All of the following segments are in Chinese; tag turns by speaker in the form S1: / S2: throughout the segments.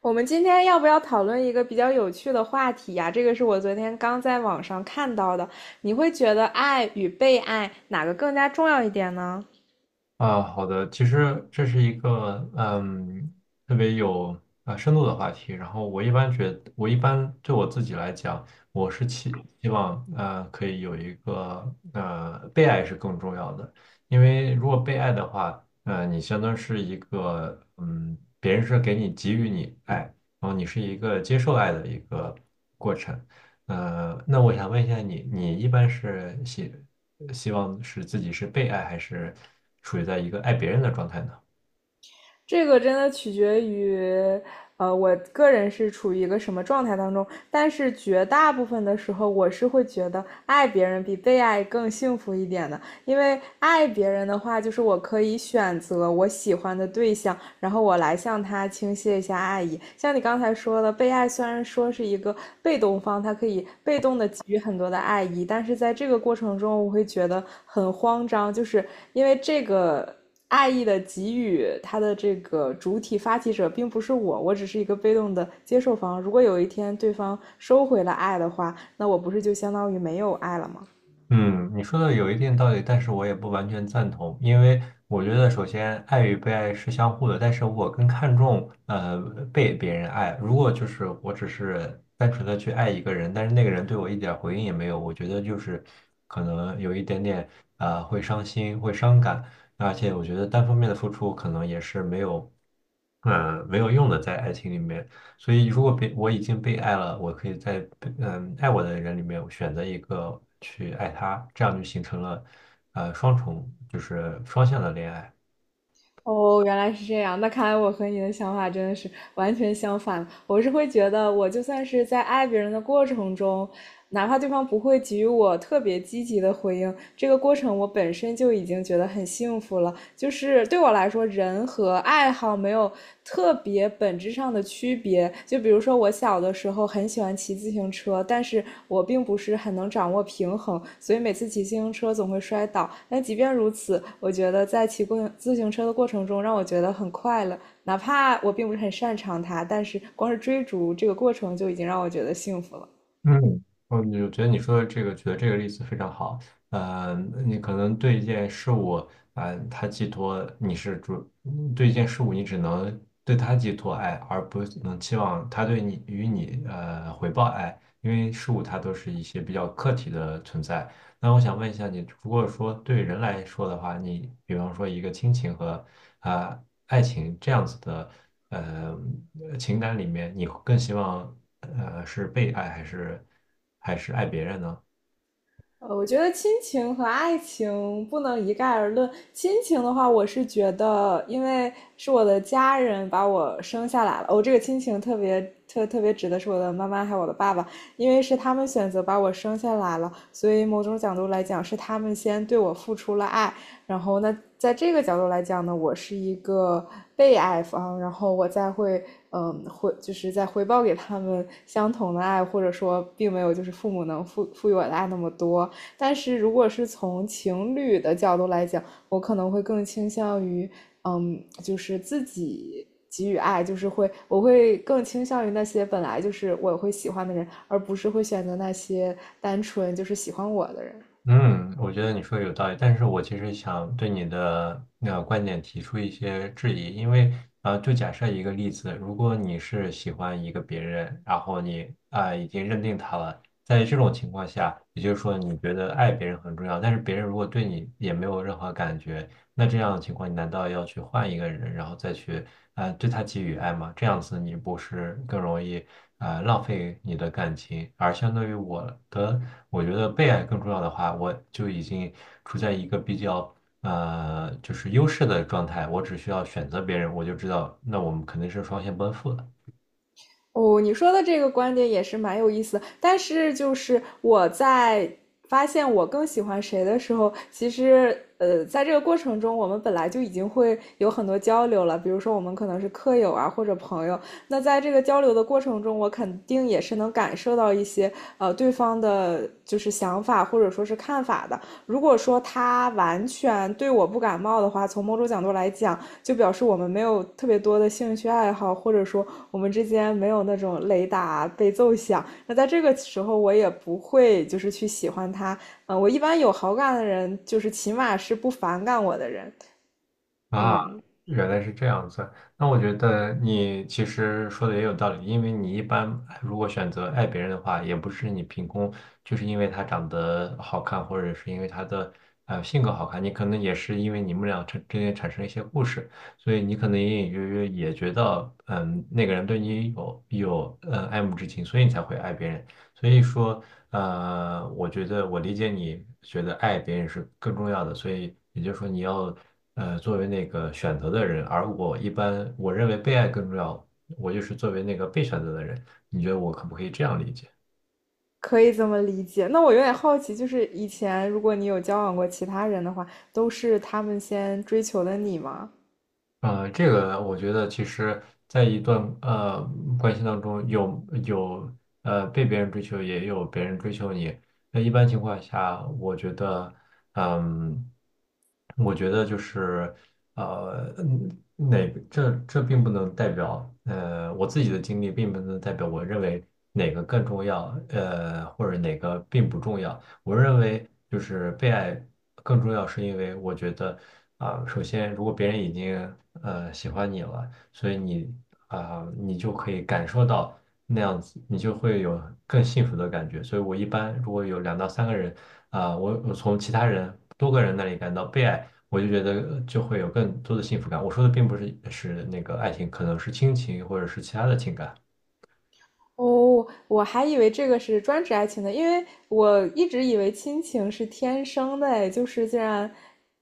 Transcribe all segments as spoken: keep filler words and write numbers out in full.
S1: 我们今天要不要讨论一个比较有趣的话题呀、这个是我昨天刚在网上看到的。你会觉得爱与被爱哪个更加重要一点呢？
S2: 啊，好的，其实这是一个嗯特别有啊深度的话题。然后我一般觉得我一般对我自己来讲，我是期希望呃可以有一个呃被爱是更重要的，因为如果被爱的话，呃你相当是一个嗯别人是给你给予你爱，然后你是一个接受爱的一个过程。呃，那我想问一下你，你一般是写？希望是自己是被爱，还是处于在一个爱别人的状态呢？
S1: 这个真的取决于，呃，我个人是处于一个什么状态当中。但是绝大部分的时候，我是会觉得爱别人比被爱更幸福一点的。因为爱别人的话，就是我可以选择我喜欢的对象，然后我来向他倾泻一下爱意。像你刚才说的，被爱虽然说是一个被动方，他可以被动的给予很多的爱意，但是在这个过程中，我会觉得很慌张，就是因为这个。爱意的给予，它的这个主体发起者并不是我，我只是一个被动的接受方。如果有一天对方收回了爱的话，那我不是就相当于没有爱了吗？
S2: 嗯，你说的有一定道理，但是我也不完全赞同，因为我觉得首先爱与被爱是相互的，但是我更看重呃被别人爱。如果就是我只是单纯的去爱一个人，但是那个人对我一点儿回应也没有，我觉得就是可能有一点点呃会伤心，会伤感，而且我觉得单方面的付出可能也是没有嗯、呃没有用的，在爱情里面。所以，如果被我已经被爱了，我可以在被嗯爱我的人里面我选择一个去爱他，这样就形成了呃双重，就是双向的恋爱。
S1: 哦，原来是这样。那看来我和你的想法真的是完全相反。我是会觉得，我就算是在爱别人的过程中，哪怕对方不会给予我特别积极的回应，这个过程我本身就已经觉得很幸福了。就是对我来说，人和爱好没有特别本质上的区别。就比如说，我小的时候很喜欢骑自行车，但是我并不是很能掌握平衡，所以每次骑自行车总会摔倒。但即便如此，我觉得在骑过自行车的过程中，让我觉得很快乐。哪怕我并不是很擅长它，但是光是追逐这个过程就已经让我觉得幸福了。
S2: 嗯，我就觉得你说的这个，举的这个例子非常好。呃，你可能对一件事物，啊，它寄托你是主，嗯对一件事物你只能对它寄托爱，而不能期望他对你与你呃回报爱，因为事物它都是一些比较客体的存在。那我想问一下你，如果说对人来说的话，你比方说一个亲情和啊、呃爱情这样子的呃情感里面，你更希望呃是被爱还是还是爱别人呢？
S1: 呃，我觉得亲情和爱情不能一概而论。亲情的话，我是觉得，因为是我的家人把我生下来了，我、这个亲情特别特特别指的是我的妈妈还有我的爸爸，因为是他们选择把我生下来了，所以某种角度来讲，是他们先对我付出了爱。然后呢，在这个角度来讲呢，我是一个被爱方，然后我再会，嗯，回就是再回报给他们相同的爱，或者说并没有就是父母能赋赋予我的爱那么多。但是如果是从情侣的角度来讲，我可能会更倾向于，嗯，就是自己给予爱，就是会，我会更倾向于那些本来就是我会喜欢的人，而不是会选择那些单纯就是喜欢我的人。
S2: 嗯，我觉得你说的有道理，但是我其实想对你的那个观点提出一些质疑，因为啊，就假设一个例子，如果你是喜欢一个别人，然后你啊、已经认定他了，在这种情况下，也就是说你觉得爱别人很重要，但是别人如果对你也没有任何感觉，那这样的情况，你难道要去换一个人，然后再去啊、呃对他给予爱吗？这样子你不是更容易啊、呃浪费你的感情？而相对于我的，我觉得被爱更重要的话，我就已经处在一个比较呃就是优势的状态，我只需要选择别人，我就知道那我们肯定是双向奔赴的。
S1: 哦，你说的这个观点也是蛮有意思的但是就是我在发现我更喜欢谁的时候，其实呃，在这个过程中，我们本来就已经会有很多交流了，比如说我们可能是客友啊或者朋友，那在这个交流的过程中，我肯定也是能感受到一些呃对方的就是想法或者说是看法的。如果说他完全对我不感冒的话，从某种角度来讲，就表示我们没有特别多的兴趣爱好，或者说我们之间没有那种雷打被奏响。那在这个时候，我也不会就是去喜欢他。嗯、呃我一般有好感的人，就是起码是不反感我的人。
S2: 啊，
S1: 嗯，
S2: 原来是这样子。那我觉得你其实说的也有道理，因为你一般如果选择爱别人的话，也不是你凭空，就是因为他长得好看，或者是因为他的呃性格好看，你可能也是因为你们俩之之间产生一些故事，所以你可能隐隐约约也觉得，嗯，那个人对你有有呃爱慕之情，所以你才会爱别人。所以说，呃，我觉得我理解你觉得爱别人是更重要的，所以也就是说你要呃作为那个选择的人，而我一般我认为被爱更重要，我就是作为那个被选择的人，你觉得我可不可以这样理解？
S1: 可以这么理解。那我有点好奇，就是以前如果你有交往过其他人的话，都是他们先追求的你吗？
S2: 呃，这个我觉得其实，在一段呃关系当中有，有呃被别人追求，也有别人追求你。那一般情况下，我觉得，嗯，我觉得就是呃，嗯哪个这这并不能代表呃我自己的经历，并不能代表我认为哪个更重要，呃，或者哪个并不重要。我认为就是被爱更重要，是因为我觉得啊、首先如果别人已经呃喜欢你了，所以你啊、你就可以感受到那样子，你就会有更幸福的感觉。所以我一般如果有两到三个人啊、我我从其他人多个人那里感到被爱。我就觉得呃就会有更多的幸福感。我说的并不是是那个爱情，可能是亲情或者是其他的情感。
S1: 哦，我还以为这个是专指爱情的，因为我一直以为亲情是天生的，哎，就是既然，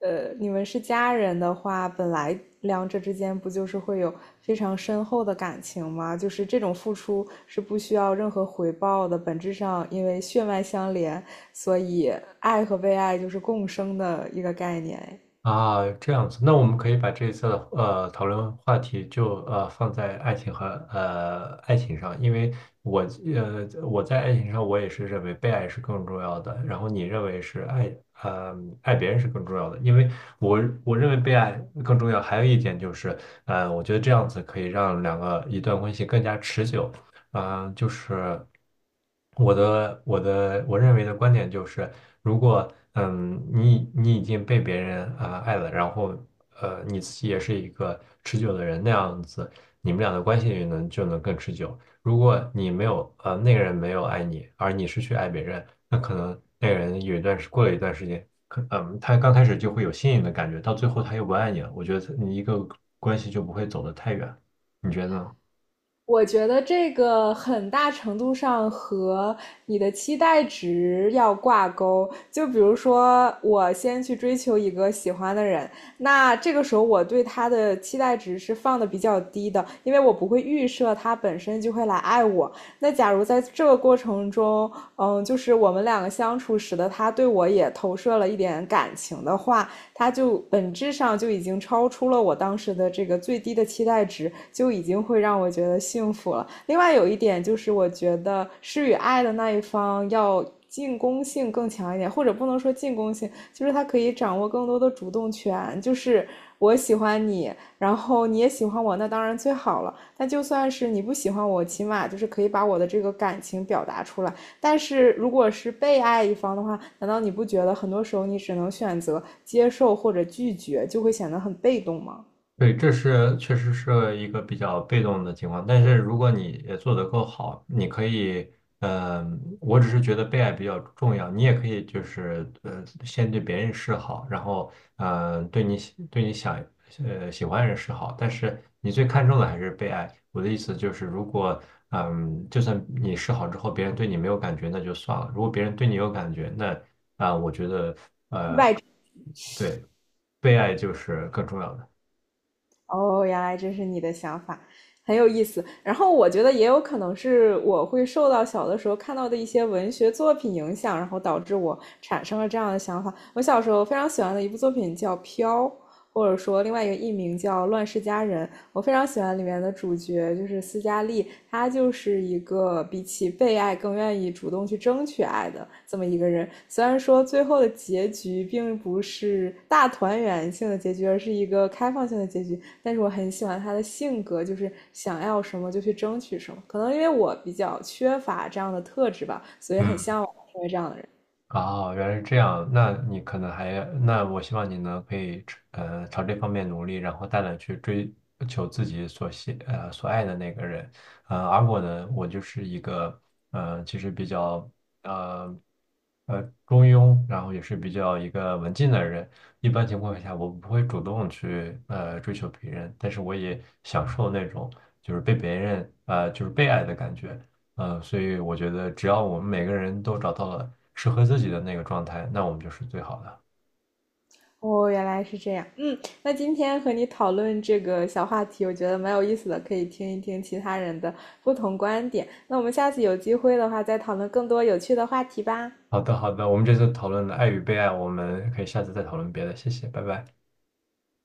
S1: 呃，你们是家人的话，本来两者之间不就是会有非常深厚的感情吗？就是这种付出是不需要任何回报的，本质上因为血脉相连，所以爱和被爱就是共生的一个概念，哎
S2: 啊，这样子，那我们可以把这一次的呃讨论话题就呃放在爱情和呃爱情上，因为我呃我在爱情上我也是认为被爱是更重要的，然后你认为是爱呃爱别人是更重要的，因为我我认为被爱更重要，还有一点就是呃我觉得这样子可以让两个一段关系更加持久，啊、就是我的我的我认为的观点就是。如果嗯，你你已经被别人啊、呃爱了，然后呃你自己也是一个持久的人，那样子你们俩的关系也能就能更持久。如果你没有呃那个人没有爱你，而你是去爱别人，那可能那个人有一段时过了一段时间，可嗯他刚开始就会有吸引的感觉，到最后他又不爱你了。我觉得你一个关系就不会走得太远，你觉得呢？
S1: 我觉得这个很大程度上和你的期待值要挂钩。就比如说，我先去追求一个喜欢的人，那这个时候我对他的期待值是放的比较低的，因为我不会预设他本身就会来爱我。那假如在这个过程中，嗯，就是我们两个相处，使得他对我也投射了一点感情的话，它就本质上就已经超出了我当时的这个最低的期待值，就已经会让我觉得幸福了。另外有一点就是，我觉得施与爱的那一方要。进攻性更强一点，或者不能说进攻性，就是他可以掌握更多的主动权。就是我喜欢你，然后你也喜欢我，那当然最好了。那就算是你不喜欢我，起码就是可以把我的这个感情表达出来。但是如果是被爱一方的话，难道你不觉得很多时候你只能选择接受或者拒绝，就会显得很被动吗？
S2: 对，这是确实是一个比较被动的情况，但是如果你也做得够好，你可以，嗯、我只是觉得被爱比较重要，你也可以就是呃，先对别人示好，然后呃，对你喜对你想呃喜欢的人示好，但是你最看重的还是被爱。我的意思就是，如果嗯、就算你示好之后，别人对你没有感觉，那就算了；如果别人对你有感觉，那啊、我觉得呃，
S1: 外，
S2: 对，被爱就是更重要的。
S1: 哦，原来这是你的想法，很有意思。然后我觉得也有可能是我会受到小的时候看到的一些文学作品影响，然后导致我产生了这样的想法。我小时候非常喜欢的一部作品叫《飘》。或者说另外一个艺名叫《乱世佳人》，我非常喜欢里面的主角，就是斯嘉丽，她就是一个比起被爱更愿意主动去争取爱的这么一个人。虽然说最后的结局并不是大团圆性的结局，而是一个开放性的结局，但是我很喜欢她的性格，就是想要什么就去争取什么。可能因为我比较缺乏这样的特质吧，所以很
S2: 嗯。
S1: 向往成为这样的人。
S2: 啊哦，原来是这样。那你可能还，那我希望你呢，可以呃朝这方面努力，然后大胆去追求自己所喜呃所爱的那个人。呃，而我呢，我就是一个呃其实比较呃呃中庸，然后也是比较一个文静的人。一般情况下，我不会主动去呃追求别人，但是我也享受那种就是被别人呃就是被爱的感觉。呃，所以我觉得只要我们每个人都找到了适合自己的那个状态，那我们就是最好的。
S1: 哦，原来是这样。嗯，那今天和你讨论这个小话题，我觉得蛮有意思的，可以听一听其他人的不同观点。那我们下次有机会的话，再讨论更多有趣的话题吧。
S2: 好的，好的，我们这次讨论了爱与被爱，我们可以下次再讨论别的，谢谢，拜拜。